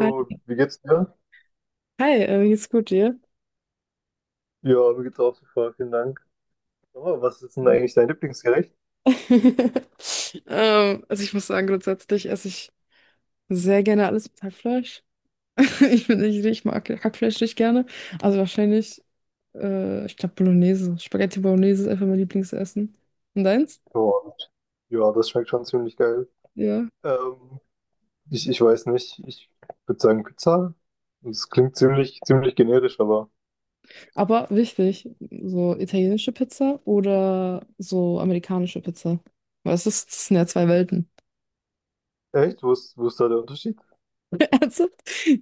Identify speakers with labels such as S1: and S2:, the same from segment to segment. S1: Hi,
S2: wie geht's dir?
S1: wie geht's gut dir?
S2: Ja, mir geht's auch super, vielen Dank. Oh, was ist denn eigentlich dein Lieblingsgericht?
S1: Also ich muss sagen, grundsätzlich esse ich sehr gerne alles mit Hackfleisch. Ich mag Hackfleisch nicht gerne. Also wahrscheinlich, ich glaube Bolognese. Spaghetti Bolognese ist einfach mein Lieblingsessen. Und deins?
S2: Oh, ja, das schmeckt schon ziemlich geil.
S1: Ja.
S2: Ähm, ich weiß nicht, ich würde sagen Pizza. Das klingt ziemlich generisch, aber
S1: Aber wichtig, so italienische Pizza oder so amerikanische Pizza. Weil es ist, das sind ja zwei Welten.
S2: echt? Wo ist da der Unterschied?
S1: Also,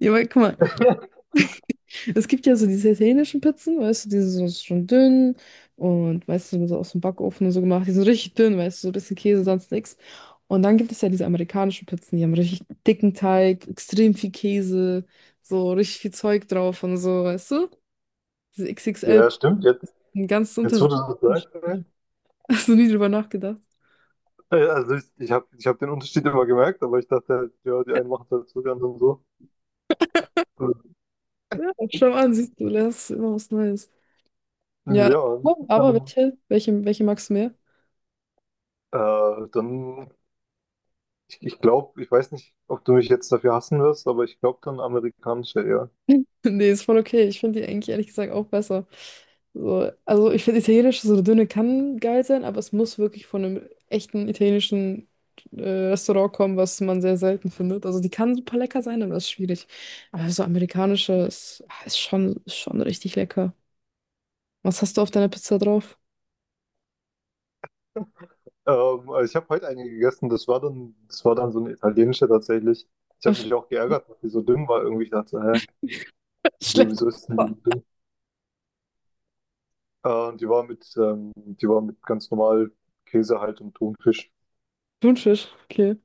S1: ja, weil, guck mal, es gibt ja so diese italienischen Pizzen, weißt du, die sind so schon dünn und meistens sind so aus dem Backofen und so gemacht. Die sind richtig dünn, weißt du, so ein bisschen Käse, sonst nichts. Und dann gibt es ja diese amerikanischen Pizzen, die haben richtig dicken Teig, extrem viel Käse, so richtig viel Zeug drauf und so, weißt du? Diese XXL,
S2: Ja, stimmt, jetzt,
S1: ein ganz
S2: jetzt wo
S1: Unterschied.
S2: du das sagst, ey.
S1: Hast du nie drüber nachgedacht?
S2: Also ich hab den Unterschied immer gemerkt, aber ich dachte halt, ja, die einen machen es halt so ganz und so.
S1: Ja, schau an, siehst du, lernst immer was Neues. Ja,
S2: Ja,
S1: aber
S2: ähm,
S1: welche magst du mehr?
S2: dann ich glaube, ich weiß nicht, ob du mich jetzt dafür hassen wirst, aber ich glaube dann amerikanische, ja.
S1: Nee, ist voll okay. Ich finde die eigentlich ehrlich gesagt auch besser. So, also ich finde Italienisch so eine Dünne kann geil sein, aber es muss wirklich von einem echten italienischen äh, Restaurant kommen, was man sehr selten findet. Also die kann super lecker sein, aber das ist schwierig. Aber so amerikanische ist, ah, ist schon richtig lecker. Was hast du auf deiner Pizza drauf?
S2: Also ich habe heute eine gegessen, das war dann so eine italienische tatsächlich. Ich habe
S1: Ach,
S2: mich auch geärgert, dass die so dünn war irgendwie. Ich dachte, so, hä, wieso
S1: schlecht.
S2: wieso ist denn die so dünn? Und die war mit ganz normal Käse halt und Thunfisch.
S1: Thunfisch, okay.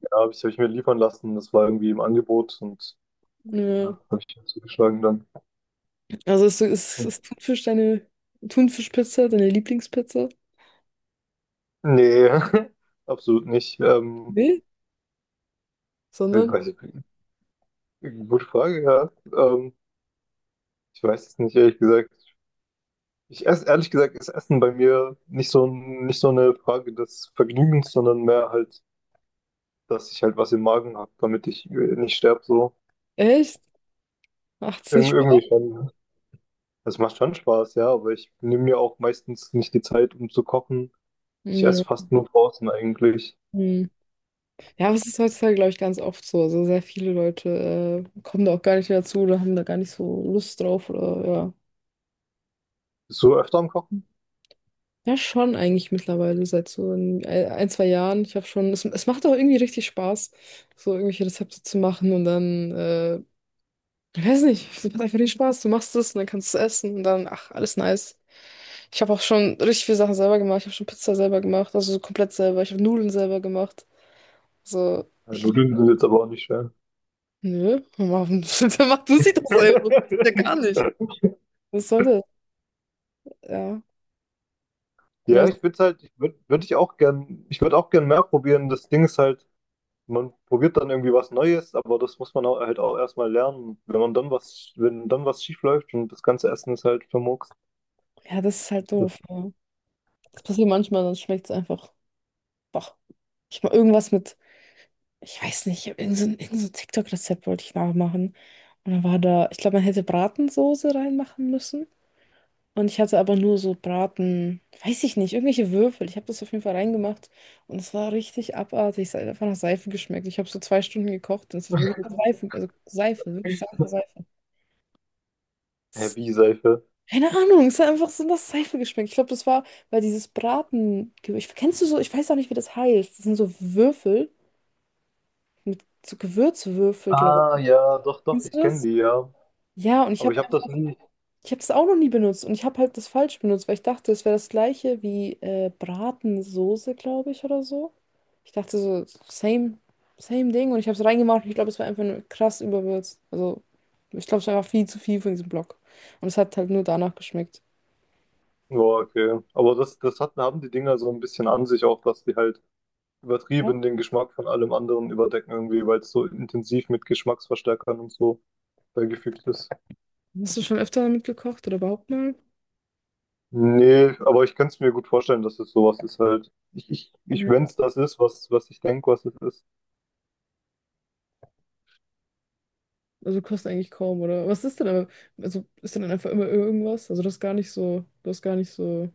S2: Ja, hab ich mir liefern lassen. Das war irgendwie im Angebot und
S1: Ja.
S2: ja, habe ich mir zugeschlagen dann.
S1: Also ist Thunfisch deine Thunfischpizza, deine Lieblingspizza?
S2: Nee, absolut nicht.
S1: Nee.
S2: Ich
S1: Sondern,
S2: weiß nicht. Gute Frage, ja. Ähm, Ich weiß es nicht, ehrlich gesagt. Ich esse, ehrlich gesagt, ist Essen bei mir nicht so, nicht so eine Frage des Vergnügens, sondern mehr halt, dass ich halt was im Magen habe, damit ich nicht sterbe, so.
S1: echt? Macht es nicht Spaß.
S2: Irgendwie schon. Das macht schon Spaß, ja, aber ich nehme mir auch meistens nicht die Zeit, um zu kochen. Ich esse
S1: Mhm.
S2: fast nur draußen eigentlich.
S1: Mhm. Ja, aber es ist heutzutage, glaube ich, ganz oft so. Also sehr viele Leute kommen da auch gar nicht mehr zu oder haben da gar nicht so Lust drauf oder ja.
S2: Bist du öfter am Kochen?
S1: Ja, schon eigentlich mittlerweile seit so ein zwei Jahren. Ich habe schon, es macht auch irgendwie richtig Spaß, so irgendwelche Rezepte zu machen und dann, ich weiß nicht, es macht einfach den Spaß. Du machst es und dann kannst du es essen und dann, ach, alles nice. Ich habe auch schon richtig viele Sachen selber gemacht. Ich habe schon Pizza selber gemacht, also so komplett selber. Ich habe Nudeln selber gemacht. So,
S2: Ja,
S1: ich
S2: Nudeln sind jetzt aber auch nicht schwer.
S1: nö, warum macht du sie doch selber? Ja, gar nicht. Was soll das? Ja. Ja,
S2: Ja,
S1: so-
S2: ich würde halt, ich würde, würde ich auch gern, ich würde auch gern mehr probieren. Das Ding ist halt, man probiert dann irgendwie was Neues, aber das muss man auch, halt auch erstmal lernen. Wenn man dann was, wenn dann was schief läuft und das ganze Essen ist halt vermurkst.
S1: ja, das ist halt doof. Ja. Das passiert manchmal, dann schmeckt es einfach. Doch. Ich mal irgendwas mit, ich weiß nicht, ich habe irgend so ein TikTok-Rezept wollte ich nachmachen. Und dann war da, ich glaube, man hätte Bratensoße reinmachen müssen. Und ich hatte aber nur so Braten, weiß ich nicht, irgendwelche Würfel. Ich habe das auf jeden Fall reingemacht. Und es war richtig abartig. Es hat einfach nach Seife geschmeckt. Ich habe so zwei Stunden gekocht. Und es hat wirklich nach Seife, also Seife, wirklich Seife.
S2: Heavy Seife.
S1: Keine Ahnung, es hat einfach so nach Seife geschmeckt. Ich glaube, das war, weil dieses Braten. Ich, kennst du so, ich weiß auch nicht, wie das heißt. Das sind so Würfel mit so Gewürzwürfel, glaube
S2: Ah
S1: ich.
S2: ja, doch, doch,
S1: Kennst du
S2: ich kenne
S1: das?
S2: die, ja.
S1: Ja, und ich
S2: Aber ich
S1: habe
S2: habe
S1: einfach,
S2: das nie.
S1: ich habe das auch noch nie benutzt und ich habe halt das falsch benutzt, weil ich dachte, es wäre das gleiche wie Bratensoße, glaube ich, oder so. Ich dachte so, same, same Ding und ich habe es reingemacht und ich glaube, es war einfach nur krass überwürzt. Also, ich glaube, es war einfach viel zu viel für diesen Block. Und es hat halt nur danach geschmeckt.
S2: Ja, okay. Aber das, das hat, haben die Dinger so ein bisschen an sich auch, dass die halt übertrieben den Geschmack von allem anderen überdecken irgendwie, weil es so intensiv mit Geschmacksverstärkern und so beigefügt ist.
S1: Hast du schon öfter damit gekocht oder überhaupt mal?
S2: Nee, aber ich kann es mir gut vorstellen, dass es sowas ist halt. Ich
S1: Nö.
S2: wenn es das ist, was, was ich denke, was es ist.
S1: Also du eigentlich kaum, oder? Was ist denn aber, also ist denn einfach immer irgendwas? Also das ist gar nicht so,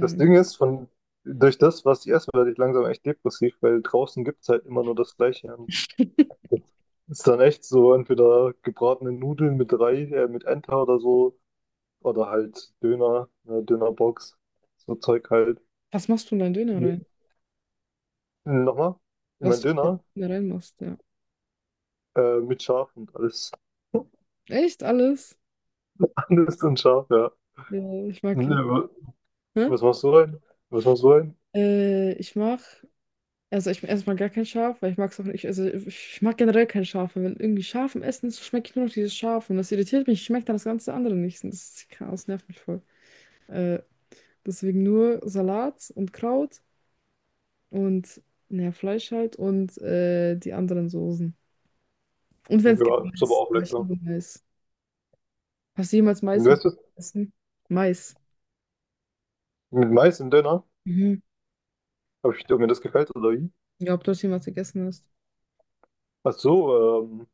S2: Das Ding ist, von, durch das, was ich esse, werde ich langsam echt depressiv, weil draußen gibt es halt immer nur das Gleiche. Und das ist dann echt so, entweder gebratene Nudeln mit mit Enter oder so, oder halt Döner, eine Dönerbox, so Zeug halt.
S1: Was machst du in deinen Döner rein?
S2: Ja. Nochmal, ich
S1: Was
S2: mein
S1: du in deinen
S2: Döner,
S1: Döner reinmachst, ja.
S2: mit Schaf und alles,
S1: Echt alles?
S2: alles und Schaf, ja.
S1: Ja, ich mag
S2: Ne,
S1: ihn.
S2: wa-
S1: Hä?
S2: Was machst du rein? Was machst du rein?
S1: Ich mag, also ich erstmal gar kein Schaf, weil ich mag es auch nicht, also ich mag generell kein Schaf, weil wenn irgendwie Schaf im Essen ist, schmecke ich nur noch dieses Schaf und das irritiert mich, schmeckt dann das ganze andere nicht. Und das ist Chaos, nervt mich voll. Äh, Deswegen nur Salat und Kraut und naja, Fleisch halt und die anderen Soßen. Und wenn es gibt
S2: Ja, ist aber
S1: Mais.
S2: auch
S1: Ah, ich
S2: lecker.
S1: liebe Mais. Hast du jemals
S2: Und
S1: Mais
S2: weißt du,
S1: gegessen? Mais.
S2: mit Mais im Döner,
S1: Mhm.
S2: habe ich, ob mir das gefällt oder wie?
S1: Ja, ob du das jemals gegessen hast.
S2: Ach so,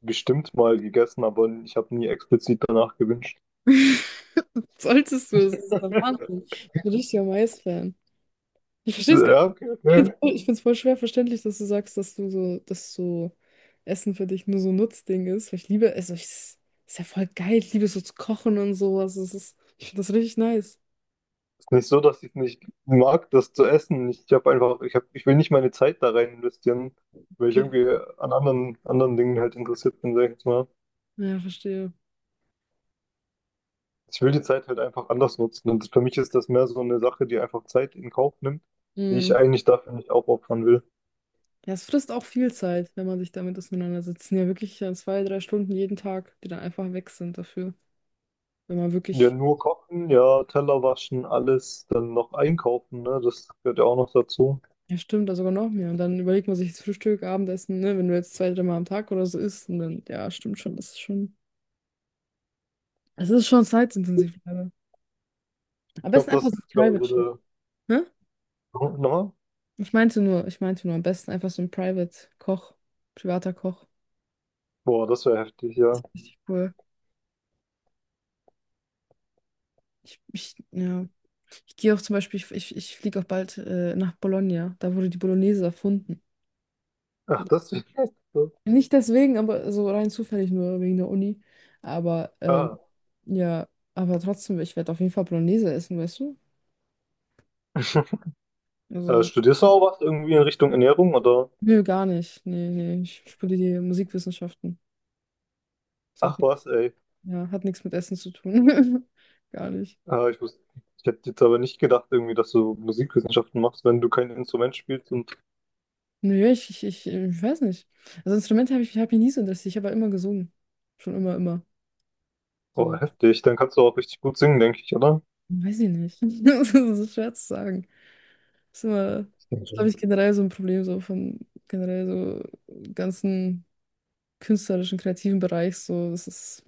S2: bestimmt mal gegessen, aber ich habe nie explizit danach gewünscht.
S1: Solltest du, es ist der Wahnsinn. Ich bin richtiger Mais-Fan. Ich
S2: So,
S1: verstehe es gar nicht.
S2: ja, okay,
S1: Ich finde
S2: okay.
S1: es voll, ich find's voll schwer verständlich, dass du sagst, dass du so, dass so Essen für dich nur so ein Nutzding ist. Weil ich liebe, also ich, es ist ja voll geil. Ich liebe es so zu kochen und sowas. Es ist, ich finde das richtig nice.
S2: Ist nicht so, dass ich nicht mag, das zu essen. Ich habe einfach, ich will nicht meine Zeit da rein investieren, weil ich
S1: Okay.
S2: irgendwie an anderen Dingen halt interessiert bin, sag ich jetzt mal.
S1: Ja, verstehe.
S2: Ich will die Zeit halt einfach anders nutzen. Und für mich ist das mehr so eine Sache, die einfach Zeit in Kauf nimmt, die ich
S1: Mhm.
S2: eigentlich dafür nicht aufopfern will.
S1: Ja, es frisst auch viel Zeit, wenn man sich damit auseinandersetzt. Es sind ja wirklich ja, zwei, drei Stunden jeden Tag, die dann einfach weg sind dafür. Wenn man
S2: Ja,
S1: wirklich,
S2: nur kochen, ja, Teller waschen, alles, dann noch einkaufen, ne? Das gehört ja auch noch dazu.
S1: ja stimmt, da sogar noch mehr. Und dann überlegt man sich das Frühstück, Abendessen, ne, wenn du jetzt zwei, dreimal am Tag oder so isst. Und dann, ja, stimmt schon, es ist schon zeitintensiv. Leider. Am
S2: Ich glaube,
S1: besten einfach
S2: das
S1: so ein
S2: ist, glaube ich,
S1: Private
S2: so
S1: Chef,
S2: der.
S1: ne?
S2: Nochmal?
S1: Ich meinte nur, am besten einfach so ein Private Koch, privater Koch.
S2: Boah, das wäre heftig, ja.
S1: Richtig cool. Ja. Ich gehe auch zum Beispiel, ich fliege auch bald nach Bologna. Da wurde die Bolognese erfunden.
S2: Ach, das wäre heftig.
S1: Nicht deswegen, aber so rein zufällig nur wegen der Uni. Aber
S2: Ja.
S1: ja, aber trotzdem, ich werde auf jeden Fall Bolognese essen, weißt du? Also,
S2: Studierst du auch was irgendwie in Richtung Ernährung oder?
S1: nö, gar nicht. Nee, ich studiere Musikwissenschaften. Das hat,
S2: Ach
S1: nix-
S2: was, ey.
S1: ja, hat nichts mit Essen zu tun. Gar nicht.
S2: Äh, ich wusste, ich hätte jetzt aber nicht gedacht irgendwie, dass du Musikwissenschaften machst, wenn du kein Instrument spielst und
S1: Nö, ich weiß nicht. Also Instrumente habe ich, hab ich nie so interessiert. Ich habe aber immer gesungen. Schon immer, immer.
S2: oh,
S1: So.
S2: heftig, dann kannst du auch richtig gut singen, denke ich, oder?
S1: Weiß ich nicht. Das ist schwer zu sagen. Das ist, glaube
S2: Dankeschön.
S1: ich, generell so ein Problem so von generell so ganzen künstlerischen, kreativen Bereich. So, das ist,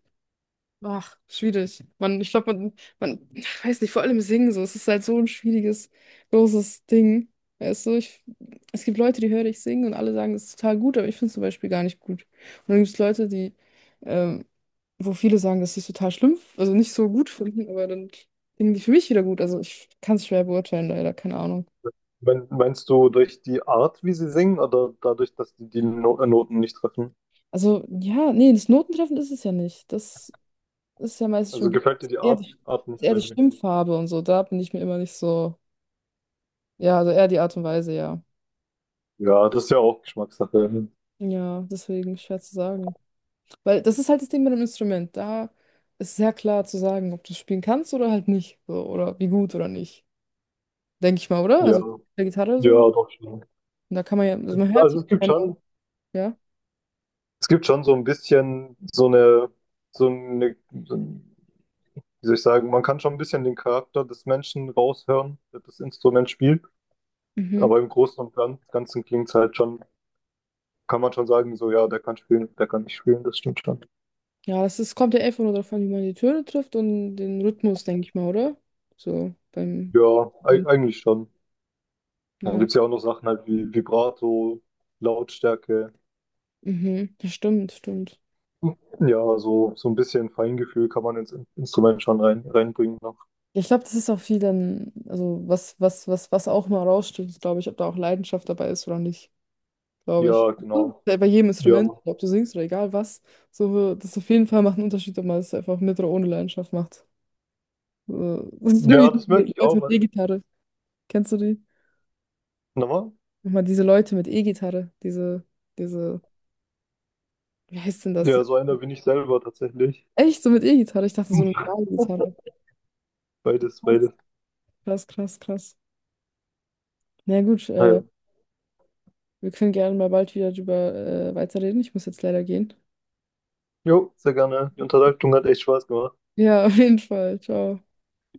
S1: ach, schwierig. Man, man, ich weiß nicht, vor allem singen so. Es ist halt so ein schwieriges, großes Ding. Weißt du, ich, es gibt Leute, die höre ich singen und alle sagen, es ist total gut, aber ich finde es zum Beispiel gar nicht gut. Und dann gibt es Leute, die, ähm, wo viele sagen, dass sie es total schlimm, also nicht so gut finden, aber dann singen die für mich wieder gut. Also ich kann es schwer beurteilen, leider, keine Ahnung.
S2: Meinst du durch die Art, wie sie singen, oder dadurch, dass die die No- Noten nicht treffen?
S1: Also ja, nee, das Notentreffen ist es ja nicht. Das ist ja meistens
S2: Also
S1: schon
S2: gefällt dir die
S1: eher die,
S2: Art nicht?
S1: eher die
S2: Weil
S1: Stimmfarbe und so. Da bin ich mir immer nicht so. Ja, also eher die Art und Weise, ja.
S2: Ja, das ist ja auch Geschmackssache.
S1: Ja, deswegen schwer zu sagen. Weil das ist halt das Ding mit dem Instrument. Da ist sehr klar zu sagen, ob du es spielen kannst oder halt nicht. So, oder wie gut oder nicht. Denke ich mal, oder?
S2: Ja,
S1: Also bei der Gitarre
S2: ja,
S1: so.
S2: doch schon.
S1: Und da kann man ja, also man hört die
S2: Also es gibt
S1: Töne,
S2: schon
S1: ja.
S2: Es gibt schon so ein bisschen so so eine, so ein, wie soll ich sagen, man kann schon ein bisschen den Charakter des Menschen raushören, der das Instrument spielt.
S1: Mhm.
S2: Aber im Großen und Ganzen klingt es halt schon, kann man schon sagen, so ja, der kann spielen, der kann nicht spielen, das stimmt schon.
S1: Ja, das ist, kommt ja einfach nur darauf an, wie man die Töne trifft und den Rhythmus, denke ich mal, oder? So beim.
S2: Ja, eigentlich schon. Dann
S1: Ja.
S2: gibt es ja auch noch Sachen halt wie Vibrato, Lautstärke.
S1: Mhm. Das stimmt.
S2: Ja, so, so ein bisschen Feingefühl kann man ins Instrument schon reinbringen noch.
S1: Ich glaube, das ist auch viel dann, also was auch mal raussticht, ist, glaube ich, ob da auch Leidenschaft dabei ist oder nicht, glaube ich.
S2: Ja,
S1: So,
S2: genau.
S1: bei jedem Instrument,
S2: Ja.
S1: ob du singst oder egal was, so, das auf jeden Fall macht einen Unterschied, ob man es einfach mit oder ohne Leidenschaft macht. So, das ist wie
S2: Ja, das merke
S1: diese
S2: ich
S1: Leute
S2: auch.
S1: mit E-Gitarre. Kennst du die?
S2: Nochmal?
S1: Nochmal diese Leute mit E-Gitarre, diese, wie heißt denn das?
S2: Ja, so einer bin ich selber tatsächlich.
S1: Echt, so mit E-Gitarre? Ich dachte, so eine normale Gitarre.
S2: Beides,
S1: Krass,
S2: beides.
S1: krass. Na gut,
S2: Naja.
S1: wir können gerne mal bald wieder drüber weiterreden. Ich muss jetzt leider gehen.
S2: Jo, sehr gerne. Die Unterhaltung hat echt Spaß gemacht.
S1: Ja, auf jeden Fall. Ciao.